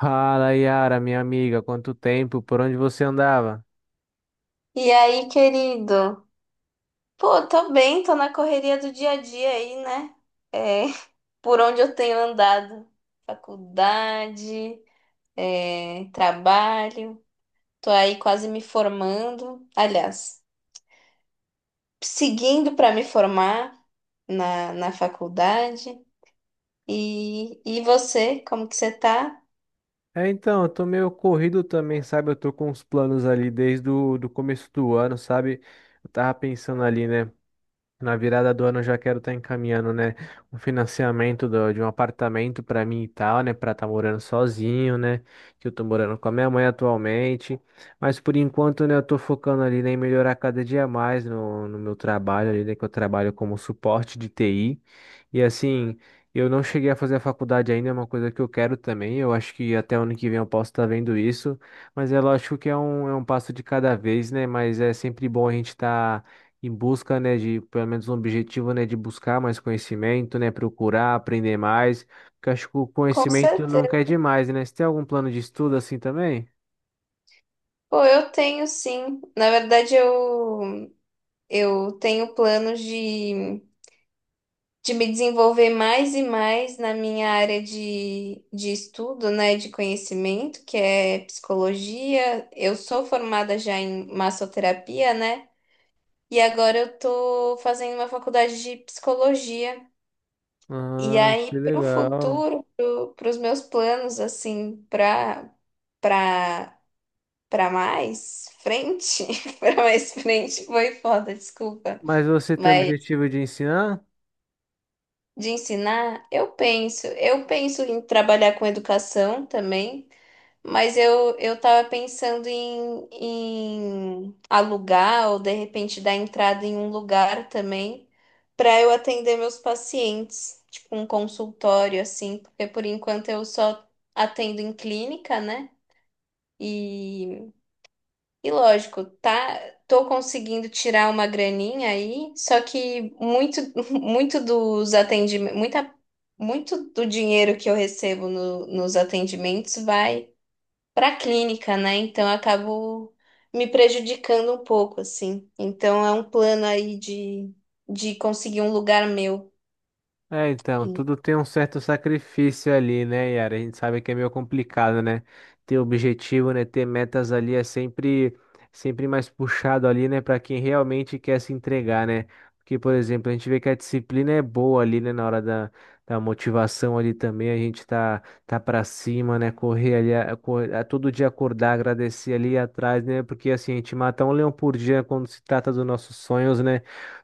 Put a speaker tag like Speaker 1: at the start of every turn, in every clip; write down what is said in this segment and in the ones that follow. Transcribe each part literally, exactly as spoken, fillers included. Speaker 1: Fala, Yara, minha amiga, quanto tempo? Por onde você andava?
Speaker 2: E aí, querido? Pô, tô bem, tô na correria do dia a dia aí, né? É, por onde eu tenho andado? Faculdade, é, trabalho, tô aí quase me formando. Aliás, seguindo para me formar na, na faculdade. E, e você, como que você tá?
Speaker 1: É, então, eu tô meio corrido também, sabe? Eu tô com uns planos ali desde o do começo do ano, sabe? Eu tava pensando ali, né? Na virada do ano eu já quero estar encaminhando, né, um financiamento do- de um apartamento para mim e tal, né, para estar morando sozinho, né, que eu tô morando com a minha mãe atualmente, mas por enquanto, né, eu tô focando ali, né, em melhorar cada dia mais no, no meu trabalho ali, né, que eu trabalho como suporte de T I, e assim, eu não cheguei a fazer a faculdade ainda, é uma coisa que eu quero também, eu acho que até ano que vem eu posso estar vendo isso, mas é lógico que é um, é um passo de cada vez, né, mas é sempre bom a gente estar em busca, né, de pelo menos um objetivo, né, de buscar mais conhecimento, né, procurar aprender mais, porque acho que o
Speaker 2: Com
Speaker 1: conhecimento nunca é
Speaker 2: certeza.
Speaker 1: demais, né? Você tem algum plano de estudo assim também?
Speaker 2: Pô, eu tenho sim. Na verdade, eu, eu tenho planos de. De me desenvolver mais e mais na minha área de, de estudo, né, de conhecimento, que é psicologia. Eu sou formada já em massoterapia, né? E agora eu tô fazendo uma faculdade de psicologia. E
Speaker 1: Ah, que
Speaker 2: aí, para o
Speaker 1: legal.
Speaker 2: futuro, para os meus planos, assim, para para para mais frente, para mais frente, foi foda, desculpa.
Speaker 1: Mas você tem o objetivo de ensinar?
Speaker 2: De ensinar, eu penso, eu penso em trabalhar com educação também, mas eu eu estava pensando em, em alugar ou de repente dar entrada em um lugar também para eu atender meus pacientes, tipo um consultório assim, porque por enquanto eu só atendo em clínica, né? E lógico, tá, tô conseguindo tirar uma graninha aí, só que muito, muito dos atendimentos, muita, muito do dinheiro que eu recebo no- nos atendimentos vai para clínica, né? Então eu acabo me prejudicando um pouco, assim. Então é um plano aí de, de conseguir um lugar meu.
Speaker 1: É, então, tudo tem um certo sacrifício ali, né, Yara? A gente sabe que é meio complicado, né? Ter objetivo, né? Ter metas ali é sempre, sempre mais puxado ali, né? Para quem realmente quer se entregar, né? Porque, por exemplo, a gente vê que a disciplina é boa ali, né? Na hora da, da motivação ali também, a gente tá, tá para cima, né? Correr ali, a, cor- a todo dia acordar, agradecer ali atrás, né? Porque assim, a gente mata um leão por dia quando se trata dos nossos sonhos, né?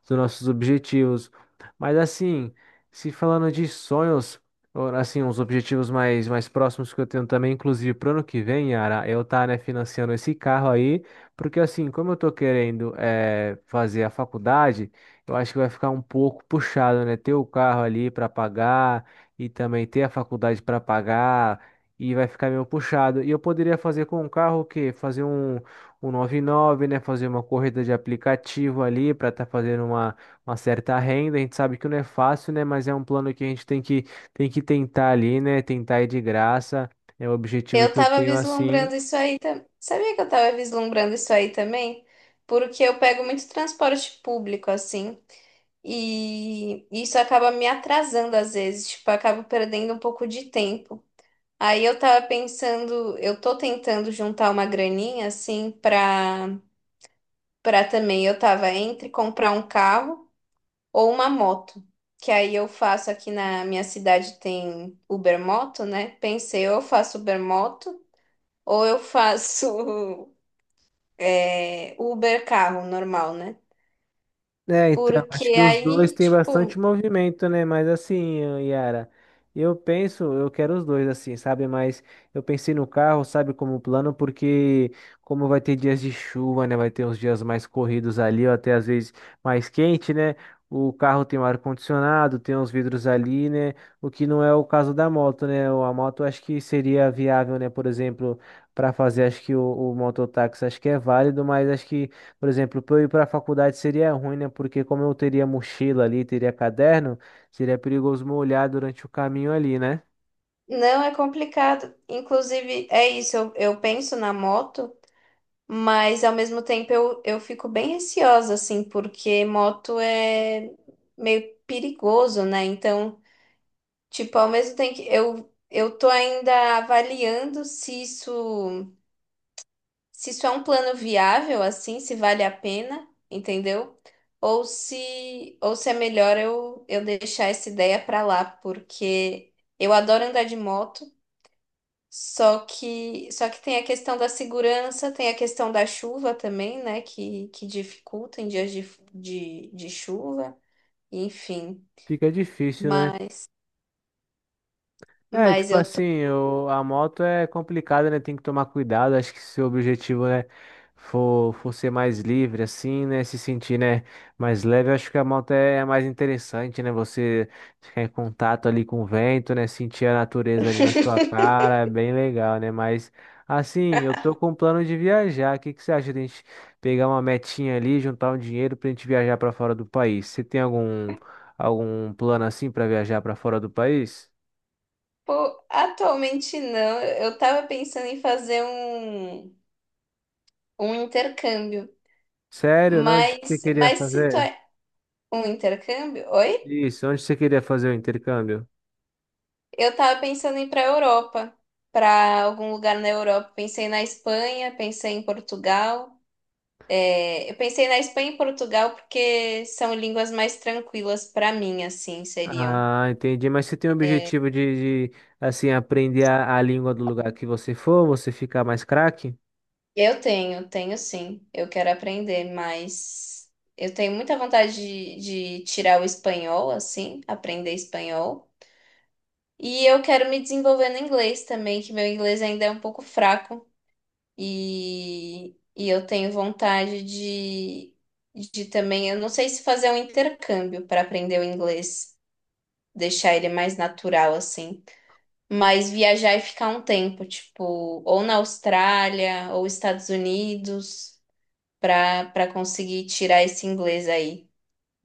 Speaker 1: Dos nossos objetivos. Mas assim. Se falando de sonhos, ou, assim, uns objetivos mais, mais próximos que eu tenho também, inclusive pro ano que vem, Yara, eu tá, né, financiando esse carro aí, porque assim, como eu tô querendo eh, fazer a faculdade, eu acho que vai ficar um pouco puxado, né, ter o carro ali para pagar e também ter a faculdade para pagar e vai ficar meio puxado. E eu poderia fazer com o carro o quê? Fazer um, um noventa e nove, né, fazer uma corrida de aplicativo ali para estar fazendo uma uma certa renda. A gente sabe que não é fácil, né? Mas é um plano que a gente tem que, tem que tentar ali, né? Tentar ir de graça. É o objetivo
Speaker 2: Eu
Speaker 1: que eu
Speaker 2: tava
Speaker 1: tenho assim.
Speaker 2: vislumbrando isso aí também. Sabia que eu tava vislumbrando isso aí também? Porque eu pego muito transporte público, assim, e isso acaba me atrasando às vezes, tipo, eu acabo perdendo um pouco de tempo. Aí eu tava pensando, eu tô tentando juntar uma graninha, assim, pra, pra também. Eu tava entre comprar um carro ou uma moto. Que aí eu faço aqui na minha cidade tem Ubermoto, né? Pensei, ou eu faço Ubermoto. Ou eu faço é, Uber carro normal, né?
Speaker 1: É, então, acho que
Speaker 2: Porque
Speaker 1: os dois
Speaker 2: aí,
Speaker 1: têm bastante
Speaker 2: tipo,
Speaker 1: movimento, né? Mas assim, Yara, eu penso, eu quero os dois, assim, sabe? Mas eu pensei no carro, sabe, como plano, porque como vai ter dias de chuva, né? Vai ter uns dias mais corridos ali, ou até às vezes mais quente, né? O carro tem o ar-condicionado, tem os vidros ali, né? O que não é o caso da moto, né? A moto acho que seria viável, né? Por exemplo, para fazer, acho que o, o mototáxi acho que é válido, mas acho que por exemplo, para eu ir para a faculdade seria ruim, né? Porque como eu teria mochila ali, teria caderno, seria perigoso me olhar durante o caminho ali, né?
Speaker 2: não é complicado. Inclusive, é isso, eu, eu penso na moto, mas ao mesmo tempo eu, eu fico bem receosa, assim, porque moto é meio perigoso, né? Então, tipo, ao mesmo tempo que eu, eu tô ainda avaliando se isso. Se isso é um plano viável, assim, se vale a pena, entendeu? Ou se, ou se é melhor eu, eu deixar essa ideia pra lá, porque eu adoro andar de moto, só que, só que tem a questão da segurança, tem a questão da chuva também, né, que, que dificulta em dias de, de, de chuva, enfim.
Speaker 1: Fica difícil, né?
Speaker 2: Mas,
Speaker 1: É,
Speaker 2: mas
Speaker 1: tipo
Speaker 2: eu tô.
Speaker 1: assim, o- a moto é complicada, né? Tem que tomar cuidado. Acho que se o objetivo, né, for, for ser mais livre, assim, né? Se sentir, né, mais leve, acho que a moto é a mais interessante, né? Você ficar em contato ali com o vento, né? Sentir a natureza ali na sua cara, é bem legal, né? Mas, assim, eu tô com um plano de viajar. O que que você acha de a gente pegar uma metinha ali, juntar um dinheiro pra gente viajar pra fora do país? Você tem algum, algum plano assim pra viajar pra fora do país?
Speaker 2: Pô, atualmente não, eu eu tava pensando em fazer um, um intercâmbio.
Speaker 1: Sério? Não, onde que você
Speaker 2: Mas,
Speaker 1: queria
Speaker 2: mas se tu
Speaker 1: fazer?
Speaker 2: é um intercâmbio, oi?
Speaker 1: Isso, onde você queria fazer o intercâmbio?
Speaker 2: Eu tava pensando em ir pra Europa, pra algum lugar na Europa. Pensei na Espanha, pensei em Portugal. É, eu pensei na Espanha e Portugal porque são línguas mais tranquilas pra mim, assim, seriam.
Speaker 1: Ah, entendi. Mas você tem o objetivo de, de, assim, aprender a, a língua do lugar que você for, você ficar mais craque?
Speaker 2: Eu tenho, tenho sim. Eu quero aprender, mas eu tenho muita vontade de, de tirar o espanhol, assim, aprender espanhol. E eu quero me desenvolver no inglês também, que meu inglês ainda é um pouco fraco. E, e eu tenho vontade de, de também, eu não sei se fazer um intercâmbio para aprender o inglês, deixar ele mais natural assim, mas viajar e ficar um tempo, tipo, ou na Austrália ou Estados Unidos, para para conseguir tirar esse inglês aí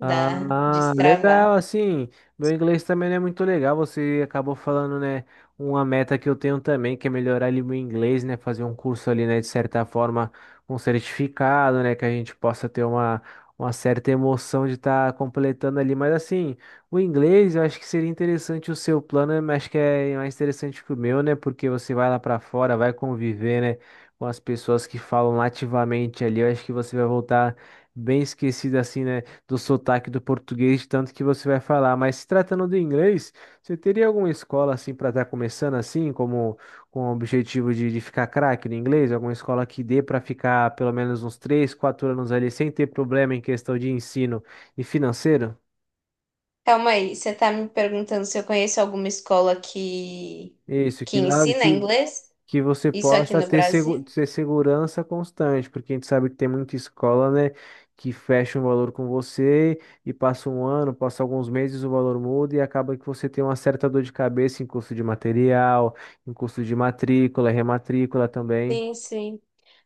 Speaker 2: da
Speaker 1: Ah, legal,
Speaker 2: destravar.
Speaker 1: assim, meu inglês também não é muito legal, você acabou falando, né, uma meta que eu tenho também, que é melhorar ali meu inglês, né, fazer um curso ali, né, de certa forma, um certificado, né, que a gente possa ter uma, uma certa emoção de estar completando ali, mas assim, o inglês, eu acho que seria interessante o seu plano, mas acho que é mais interessante que o meu, né, porque você vai lá pra fora, vai conviver, né, com as pessoas que falam nativamente ali, eu acho que você vai voltar bem esquecido assim, né, do sotaque do português, tanto que você vai falar. Mas se tratando do inglês, você teria alguma escola assim para estar começando assim, como com o objetivo de, de ficar craque no inglês? Alguma escola que dê para ficar pelo menos uns três, quatro anos ali sem ter problema em questão de ensino e financeiro?
Speaker 2: Calma aí, você tá me perguntando se eu conheço alguma escola que
Speaker 1: Isso,
Speaker 2: que
Speaker 1: que nada
Speaker 2: ensina
Speaker 1: que
Speaker 2: inglês?
Speaker 1: que você
Speaker 2: Isso aqui
Speaker 1: possa
Speaker 2: no
Speaker 1: ter, segu-
Speaker 2: Brasil?
Speaker 1: ter segurança constante, porque a gente sabe que tem muita escola, né, que fecha um valor com você e passa um ano, passa alguns meses, o valor muda e acaba que você tem uma certa dor de cabeça em custo de material, em custo de matrícula, rematrícula também.
Speaker 2: Sim, sim.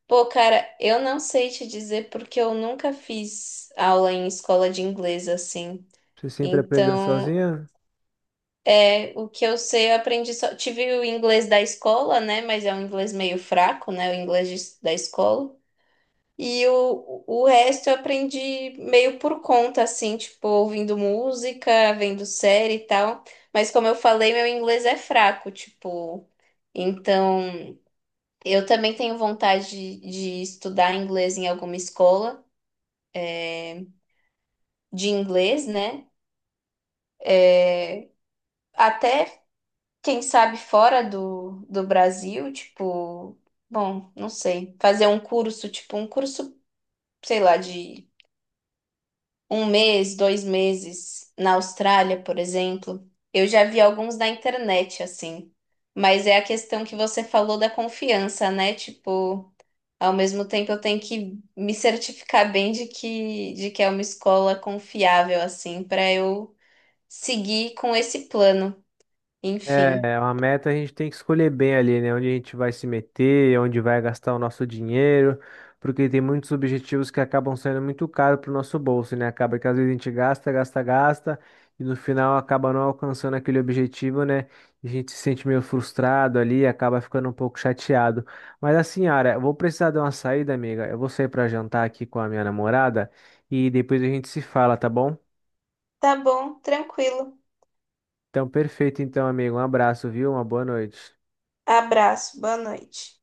Speaker 2: Pô, cara, eu não sei te dizer porque eu nunca fiz aula em escola de inglês assim.
Speaker 1: Você sempre aprendeu
Speaker 2: Então,
Speaker 1: sozinha?
Speaker 2: é, o que eu sei, eu aprendi só. Tive o inglês da escola, né? Mas é um inglês meio fraco, né? O inglês de- da escola. E o, o resto eu aprendi meio por conta, assim, tipo, ouvindo música, vendo série e tal. Mas como eu falei, meu inglês é fraco, tipo. Então, eu também tenho vontade de de estudar inglês em alguma escola. De inglês, né? Até, quem sabe, fora do, do Brasil, tipo, bom, não sei, fazer um curso, tipo, um curso, sei lá, de um mês, dois meses na Austrália, por exemplo. Eu já vi alguns na internet, assim. Mas é a questão que você falou da confiança, né? Tipo, ao mesmo tempo eu tenho que me certificar bem de que, de que é uma escola confiável, assim, para eu seguir com esse plano.
Speaker 1: É,
Speaker 2: Enfim.
Speaker 1: é uma meta a gente tem que escolher bem ali, né? Onde a gente vai se meter, onde vai gastar o nosso dinheiro, porque tem muitos objetivos que acabam sendo muito caros para o nosso bolso, né? Acaba que às vezes a gente gasta, gasta, gasta, e no final acaba não alcançando aquele objetivo, né? E a gente se sente meio frustrado ali, acaba ficando um pouco chateado. Mas assim, Ara, eu vou precisar de uma saída, amiga. Eu vou sair para jantar aqui com a minha namorada e depois a gente se fala, tá bom?
Speaker 2: Tá bom, tranquilo.
Speaker 1: Então, perfeito, então, amigo. Um abraço, viu? Uma boa noite.
Speaker 2: Abraço, boa noite.